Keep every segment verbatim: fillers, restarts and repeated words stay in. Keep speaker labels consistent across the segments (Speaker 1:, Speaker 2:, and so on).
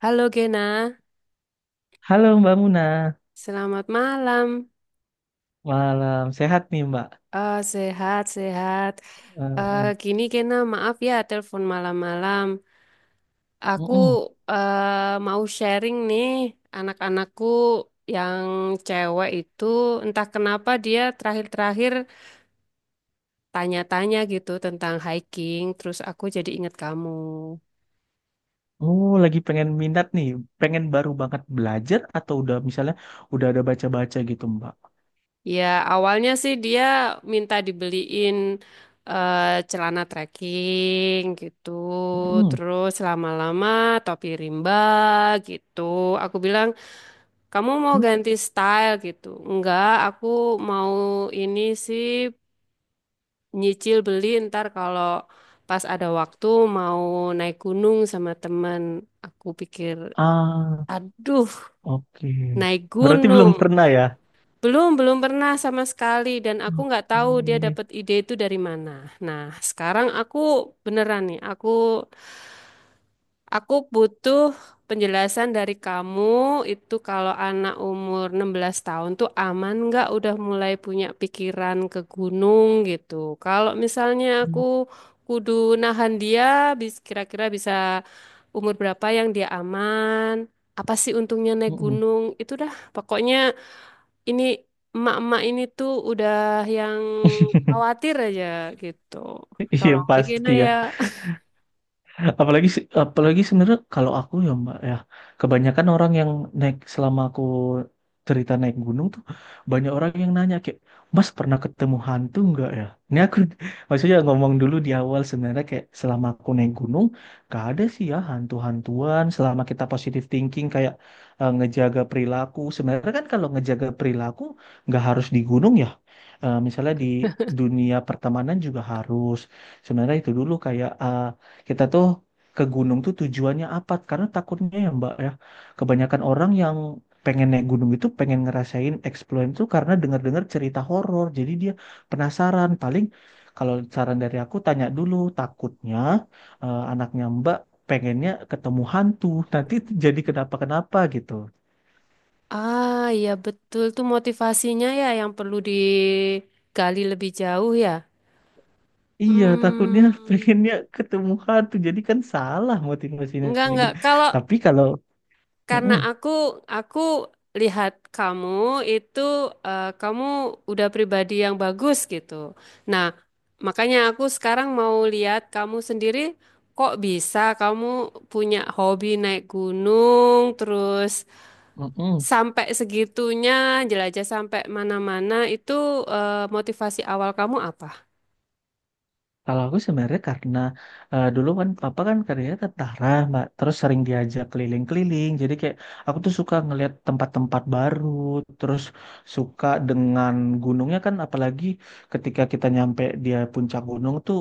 Speaker 1: Halo Gena,
Speaker 2: Halo Mbak Muna,
Speaker 1: selamat malam.
Speaker 2: malam sehat nih Mbak.
Speaker 1: Eh, sehat, sehat. Eh,
Speaker 2: Eh,
Speaker 1: gini Gena, maaf ya telepon malam-malam. Aku
Speaker 2: mm-mm.
Speaker 1: eh, mau sharing nih anak-anakku yang cewek itu entah kenapa dia terakhir-terakhir tanya-tanya gitu tentang hiking, terus aku jadi ingat kamu.
Speaker 2: Oh lagi pengen minat nih, pengen baru banget belajar atau udah misalnya udah ada baca-baca gitu Mbak.
Speaker 1: Ya, awalnya sih dia minta dibeliin eh, celana trekking gitu.
Speaker 2: Mm-mm.
Speaker 1: Terus lama-lama topi rimba gitu. Aku bilang, "Kamu mau
Speaker 2: Hmm?
Speaker 1: ganti style gitu?" Enggak, aku mau ini sih nyicil beli ntar kalau pas ada waktu mau naik gunung sama teman. Aku pikir,
Speaker 2: Ah
Speaker 1: "Aduh,
Speaker 2: oke,
Speaker 1: naik
Speaker 2: berarti belum
Speaker 1: gunung."
Speaker 2: pernah ya?
Speaker 1: Belum, belum pernah sama sekali dan aku nggak tahu dia
Speaker 2: Oke.
Speaker 1: dapat ide itu dari mana. Nah, sekarang aku beneran nih, aku aku butuh penjelasan dari kamu itu kalau anak umur enam belas tahun tuh aman nggak udah mulai punya pikiran ke gunung gitu. Kalau misalnya aku kudu nahan dia, bis- kira-kira bisa umur berapa yang dia aman? Apa sih untungnya naik
Speaker 2: Mm-mm.
Speaker 1: gunung? Itu dah, pokoknya ini emak-emak ini tuh udah yang khawatir aja gitu.
Speaker 2: Iya
Speaker 1: Tolong begini
Speaker 2: pasti ya.
Speaker 1: ya.
Speaker 2: Apalagi se- apalagi sebenarnya kalau aku ya Mbak ya, kebanyakan orang yang naik selama aku cerita naik gunung tuh banyak orang yang nanya kayak, "Mas pernah ketemu hantu nggak ya?" Ini aku maksudnya ngomong dulu di awal sebenarnya kayak selama aku naik gunung gak ada sih ya hantu-hantuan selama kita positive thinking kayak eh, ngejaga perilaku. Sebenarnya kan kalau ngejaga perilaku nggak harus di gunung ya, eh, misalnya di dunia pertemanan juga harus, sebenarnya itu dulu kayak eh, kita tuh ke gunung tuh tujuannya apa, karena takutnya ya Mbak ya, kebanyakan orang yang pengen naik gunung itu pengen ngerasain explore itu karena dengar-dengar cerita horor jadi dia penasaran paling. Kalau saran dari aku, tanya dulu takutnya, eh, anaknya Mbak pengennya ketemu hantu nanti jadi kenapa-kenapa gitu.
Speaker 1: Ah, iya betul tuh motivasinya ya yang perlu digali lebih jauh ya.
Speaker 2: Iya, takutnya
Speaker 1: Hmm,
Speaker 2: pengennya ketemu hantu. Jadi kan salah motivasinya
Speaker 1: enggak,
Speaker 2: kayak
Speaker 1: enggak.
Speaker 2: gitu.
Speaker 1: Kalau
Speaker 2: Tapi kalau
Speaker 1: karena
Speaker 2: mm-mm,
Speaker 1: aku aku lihat kamu itu, eh, kamu udah pribadi yang bagus gitu. Nah, makanya aku sekarang mau lihat kamu sendiri kok bisa kamu punya hobi naik gunung terus
Speaker 2: mm-mm.
Speaker 1: sampai segitunya jelajah sampai mana-mana itu, eh, motivasi awal kamu apa?
Speaker 2: Kalau aku sebenarnya karena eh, dulu kan papa kan kerjanya tentara, Mbak. Terus sering diajak keliling-keliling. Jadi kayak aku tuh suka ngelihat tempat-tempat baru, terus suka dengan gunungnya kan, apalagi ketika kita nyampe dia puncak gunung tuh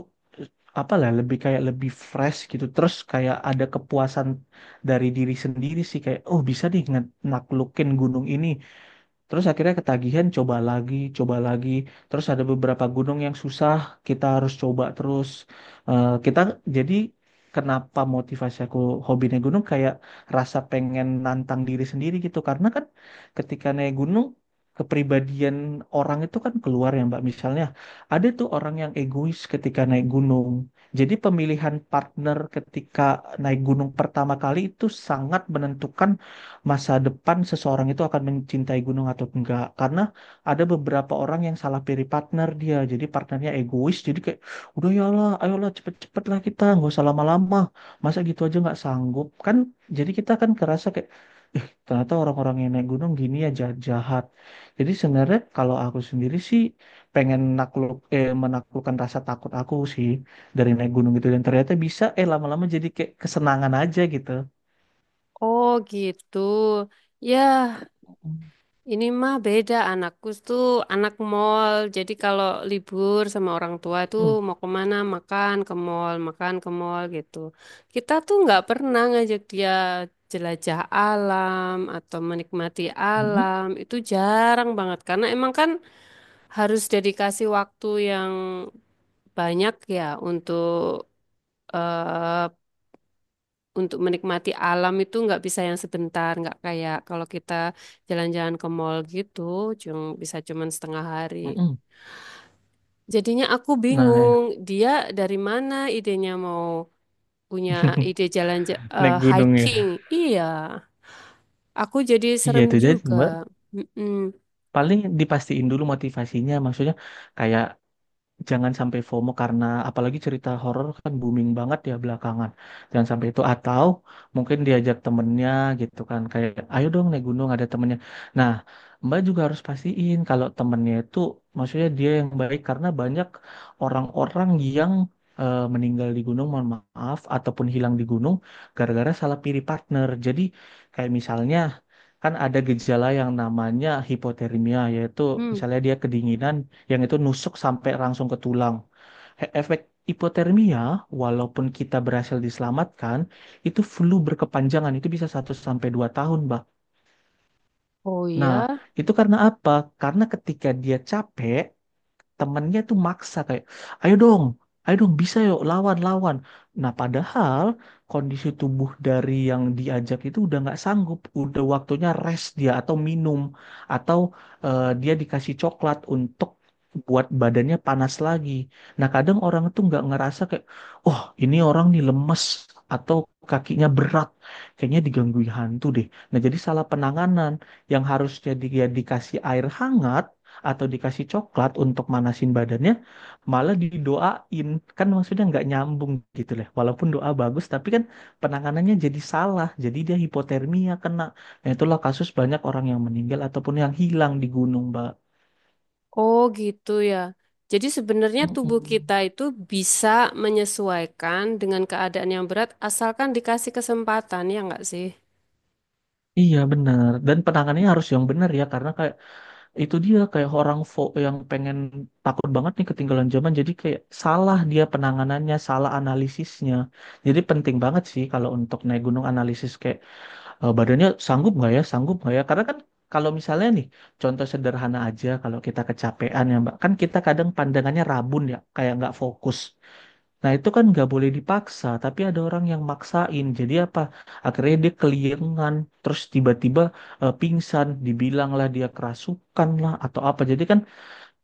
Speaker 2: apalah lebih kayak lebih fresh gitu, terus kayak ada kepuasan dari diri sendiri sih kayak oh bisa nih nge- naklukin gunung ini. Terus akhirnya ketagihan, coba lagi, coba lagi. Terus ada beberapa gunung yang susah, kita harus coba terus. Eh, kita jadi kenapa motivasi aku hobi naik gunung kayak rasa pengen nantang diri sendiri gitu. Karena kan ketika naik gunung, kepribadian orang itu kan keluar ya Mbak. Misalnya ada tuh orang yang egois ketika naik gunung. Jadi pemilihan partner ketika naik gunung pertama kali itu sangat menentukan masa depan seseorang itu akan mencintai gunung atau enggak, karena ada beberapa orang yang salah pilih partner, dia jadi partnernya egois, jadi kayak udah ya lah ayolah cepet-cepet lah kita nggak usah lama-lama, masa gitu aja nggak sanggup kan, jadi kita kan kerasa kayak eh ternyata orang-orang yang naik gunung gini ya jahat-jahat. Jadi sebenarnya kalau aku sendiri sih pengen nakluk eh menaklukkan rasa takut aku sih dari naik gunung gitu, dan ternyata bisa, eh lama-lama jadi kayak kesenangan aja gitu.
Speaker 1: Oh, gitu. Ya,
Speaker 2: Mm.
Speaker 1: ini mah beda, anakku tuh anak mall. Jadi kalau libur sama orang tua tuh mau kemana makan ke mall, makan ke mall gitu. Kita tuh nggak pernah ngajak dia jelajah alam atau menikmati
Speaker 2: Mm.
Speaker 1: alam. Itu jarang banget karena emang kan harus dedikasi waktu yang banyak ya untuk eh, untuk menikmati alam itu nggak bisa yang sebentar, nggak kayak kalau kita jalan-jalan ke mall gitu, cuma bisa cuman setengah hari.
Speaker 2: Mm-mm.
Speaker 1: Jadinya aku
Speaker 2: Nah, ya.
Speaker 1: bingung, dia dari mana idenya mau punya ide jalan ja- eh,
Speaker 2: Naik gunung
Speaker 1: hiking?
Speaker 2: ya.
Speaker 1: Iya, aku jadi
Speaker 2: Iya
Speaker 1: serem
Speaker 2: itu jadi
Speaker 1: juga.
Speaker 2: Mbak.
Speaker 1: Mm-mm.
Speaker 2: Paling dipastiin dulu motivasinya, maksudnya kayak jangan sampai FOMO karena apalagi cerita horor kan booming banget ya belakangan. Jangan sampai itu, atau mungkin diajak temennya gitu kan, kayak ayo dong naik gunung ada temennya. Nah, Mbak juga harus pastiin kalau temennya itu maksudnya dia yang baik, karena banyak orang-orang yang eh, meninggal di gunung, mohon maaf, ataupun hilang di gunung gara-gara salah pilih partner. Jadi kayak misalnya kan ada gejala yang namanya hipotermia, yaitu
Speaker 1: Hmm.
Speaker 2: misalnya dia kedinginan yang itu nusuk sampai langsung ke tulang. He- Efek hipotermia, walaupun kita berhasil diselamatkan, itu flu berkepanjangan, itu bisa satu sampai dua tahun, Mbak.
Speaker 1: Oh
Speaker 2: Nah,
Speaker 1: ya,
Speaker 2: itu karena apa? Karena ketika dia capek, temennya tuh maksa kayak ayo dong, ayo dong bisa yuk lawan lawan, nah padahal kondisi tubuh dari yang diajak itu udah nggak sanggup, udah waktunya rest dia, atau minum, atau eh, dia dikasih coklat untuk buat badannya panas lagi. Nah kadang orang tuh nggak ngerasa, kayak oh ini orang nih lemes, atau kakinya berat, kayaknya digangguin hantu deh. Nah jadi salah penanganan, yang harusnya dia dikasih air hangat atau dikasih coklat untuk manasin badannya, malah didoain. Kan maksudnya nggak nyambung gitu lah. Walaupun doa bagus, tapi kan penanganannya jadi salah. Jadi dia hipotermia kena. Nah, itulah kasus banyak orang yang meninggal ataupun yang hilang di gunung, Mbak.
Speaker 1: oh gitu ya. Jadi sebenarnya tubuh
Speaker 2: Mm-mm.
Speaker 1: kita itu bisa menyesuaikan dengan keadaan yang berat asalkan dikasih kesempatan, ya nggak sih?
Speaker 2: Iya benar, dan penanganannya harus yang benar ya, karena kayak itu dia kayak orang fo yang pengen, takut banget nih ketinggalan zaman, jadi kayak salah, dia penanganannya salah, analisisnya. Jadi penting banget sih kalau untuk naik gunung analisis kayak eh, badannya sanggup nggak ya, sanggup nggak ya? Karena kan kalau misalnya nih, contoh sederhana aja, kalau kita kecapean ya Mbak, kan kita kadang pandangannya rabun ya, kayak nggak fokus. Nah itu kan nggak boleh dipaksa, tapi ada orang yang maksain. Jadi apa? Akhirnya dia keliengan, terus tiba-tiba eh, pingsan, dibilanglah dia kerasukan lah atau apa. Jadi kan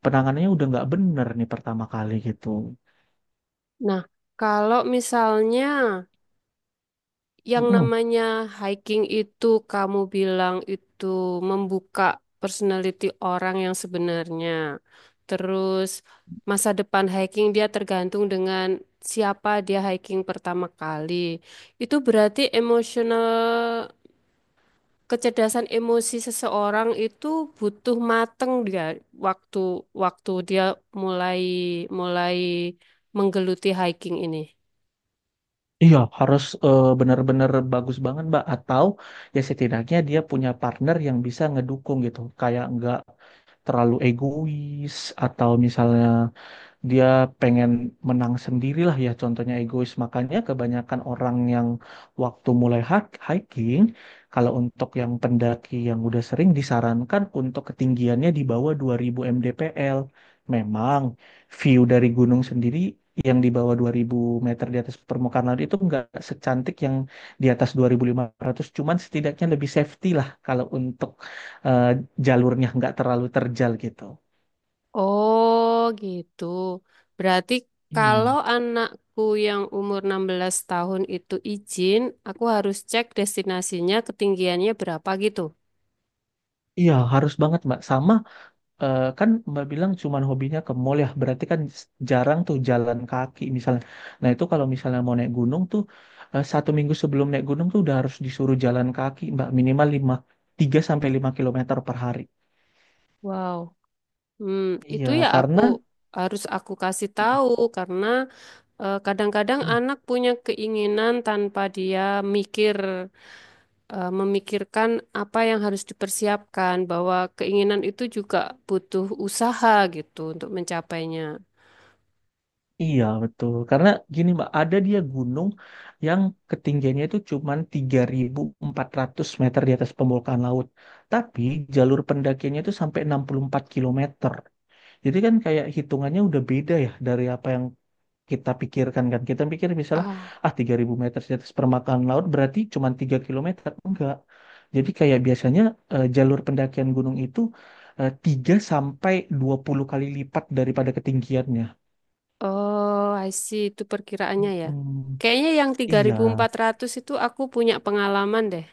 Speaker 2: penanganannya udah nggak bener nih pertama kali gitu.
Speaker 1: Nah, kalau misalnya yang
Speaker 2: Mm-mm.
Speaker 1: namanya hiking itu kamu bilang itu membuka personality orang yang sebenarnya. Terus masa depan hiking dia tergantung dengan siapa dia hiking pertama kali. Itu berarti emotional kecerdasan emosi seseorang itu butuh mateng dia waktu waktu dia mulai mulai menggeluti hiking ini.
Speaker 2: Iya, harus eh, benar-benar bagus banget, Mbak. Atau ya setidaknya dia punya partner yang bisa ngedukung gitu. Kayak nggak terlalu egois, atau misalnya dia pengen menang sendirilah ya, contohnya egois. Makanya kebanyakan orang yang waktu mulai hak- hiking, kalau untuk yang pendaki yang udah sering, disarankan untuk ketinggiannya di bawah dua ribu mdpl. Memang view dari gunung sendiri yang di bawah dua ribu meter di atas permukaan laut itu nggak secantik yang di atas dua ribu lima ratus, cuman setidaknya lebih safety lah, kalau untuk eh, jalurnya nggak terlalu terjal gitu.
Speaker 1: Oh gitu. Berarti kalau
Speaker 2: Iya,
Speaker 1: anakku yang umur enam belas tahun itu izin, aku harus cek destinasinya ketinggiannya berapa gitu.
Speaker 2: iya, harus banget Mbak. Sama eh, kan Mbak bilang cuman hobinya ke mall ya, berarti kan jarang tuh jalan kaki misalnya. Nah itu kalau misalnya mau naik gunung tuh eh, satu minggu sebelum naik gunung tuh udah harus disuruh jalan kaki Mbak, minimal lima tiga sampai lima kilometer per hari.
Speaker 1: Wow. Hmm,
Speaker 2: Iya,
Speaker 1: itu ya aku
Speaker 2: karena.
Speaker 1: harus aku kasih tahu karena eh, kadang-kadang
Speaker 2: Hmm.
Speaker 1: anak punya keinginan tanpa dia mikir, eh, memikirkan apa yang harus dipersiapkan bahwa keinginan itu juga butuh usaha gitu untuk mencapainya.
Speaker 2: Iya betul, karena gini Mbak, ada dia gunung yang ketinggiannya itu cuma tiga ribu empat ratus meter di atas permukaan laut, tapi jalur pendakiannya itu sampai enam puluh empat kilometer. Jadi kan kayak hitungannya udah beda ya dari apa yang kita pikirkan kan. Kita pikir misalnya
Speaker 1: Ah.
Speaker 2: ah tiga ribu meter di atas permukaan laut berarti cuma tiga kilometer. Enggak. Jadi kayak biasanya eh, jalur pendakian gunung itu eh, tiga sampai dua puluh kali lipat daripada ketinggiannya.
Speaker 1: Oh, I see. Itu perkiraannya ya.
Speaker 2: Mm.
Speaker 1: Kayaknya yang tiga
Speaker 2: Iya.
Speaker 1: ribu empat ratus itu aku punya pengalaman deh.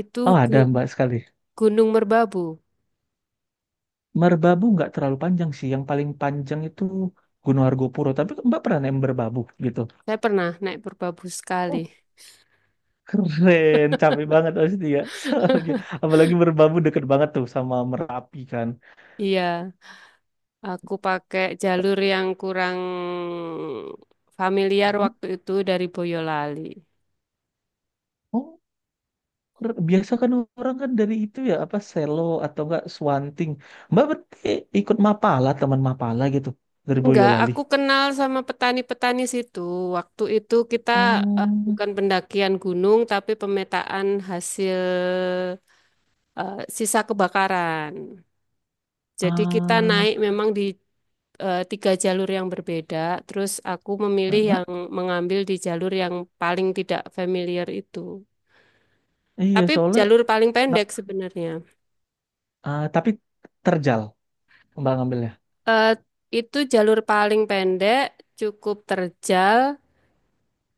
Speaker 1: Itu
Speaker 2: Oh, ada
Speaker 1: gu-
Speaker 2: Mbak sekali.
Speaker 1: Gunung Merbabu.
Speaker 2: Merbabu nggak terlalu panjang sih. Yang paling panjang itu Gunung Argopuro. Tapi Mbak pernah naik Merbabu gitu.
Speaker 1: Saya pernah naik Merbabu sekali.
Speaker 2: Keren, capek banget pasti ya. Soalnya, apalagi Merbabu deket banget tuh sama Merapi kan.
Speaker 1: Iya, aku pakai
Speaker 2: T-
Speaker 1: jalur yang kurang familiar waktu itu dari Boyolali.
Speaker 2: Oh, keren. Biasa kan orang kan dari itu ya apa Selo atau enggak Swanting. Mbak berarti ikut Mapala, teman Mapala gitu dari
Speaker 1: Enggak,
Speaker 2: Boyolali.
Speaker 1: aku kenal sama petani-petani situ. Waktu itu kita, eh,
Speaker 2: Oh,
Speaker 1: bukan pendakian gunung, tapi pemetaan hasil, eh, sisa kebakaran. Jadi kita
Speaker 2: ah,
Speaker 1: naik memang di, eh, tiga jalur yang berbeda. Terus aku memilih
Speaker 2: heeh.
Speaker 1: yang mengambil di jalur yang paling tidak familiar itu.
Speaker 2: Iya
Speaker 1: Tapi
Speaker 2: soalnya
Speaker 1: jalur paling
Speaker 2: la-
Speaker 1: pendek sebenarnya.
Speaker 2: ah, tapi terjal Mbak ngambilnya.
Speaker 1: Eh, itu jalur paling pendek, cukup terjal,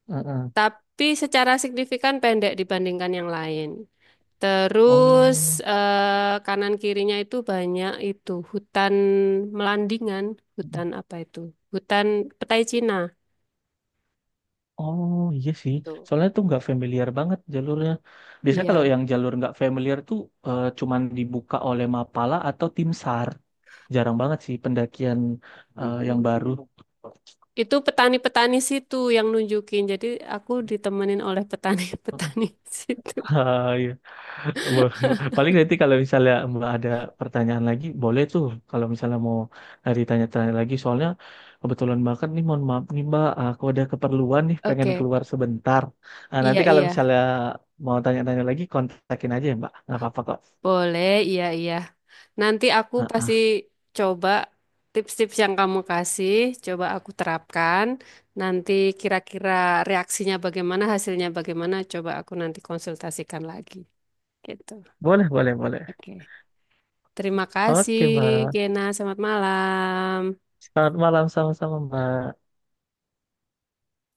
Speaker 2: Heeh.
Speaker 1: tapi secara signifikan pendek dibandingkan yang lain. Terus,
Speaker 2: Oh.
Speaker 1: eh, kanan kirinya itu banyak itu hutan melandingan, hutan apa itu? Hutan petai Cina.
Speaker 2: Oh iya sih,
Speaker 1: Tuh.
Speaker 2: soalnya tuh nggak familiar banget jalurnya. Biasanya kalau
Speaker 1: Iya,
Speaker 2: yang jalur nggak familiar tuh eh, cuman dibuka oleh Mapala atau Tim SAR. Jarang banget sih pendakian eh, yang baru.
Speaker 1: itu petani-petani situ yang nunjukin. Jadi aku ditemenin oleh petani-petani situ.
Speaker 2: Ah, iya. Bo- bo- Paling nanti kalau misalnya Mbak ada pertanyaan lagi, boleh tuh kalau misalnya mau ditanya-tanya lagi. Soalnya kebetulan banget nih, mohon maaf nih Mbak, aku ada keperluan nih, pengen
Speaker 1: Oke,
Speaker 2: keluar sebentar. Ah,
Speaker 1: iya,
Speaker 2: nanti kalau
Speaker 1: iya.
Speaker 2: misalnya mau tanya-tanya lagi, kontakin aja ya Mbak, nggak apa-apa kok.
Speaker 1: Boleh, iya, iya. Nanti aku
Speaker 2: Ah,
Speaker 1: pasti
Speaker 2: ah.
Speaker 1: coba tips-tips yang kamu kasih, coba aku terapkan. Nanti kira-kira reaksinya bagaimana, hasilnya bagaimana, coba aku nanti konsultasikan lagi. Gitu.
Speaker 2: Boleh, boleh, boleh.
Speaker 1: Oke. Terima kasih,
Speaker 2: Oke, Mbak.
Speaker 1: Gena. Selamat malam.
Speaker 2: Selamat malam sama-sama, Mbak.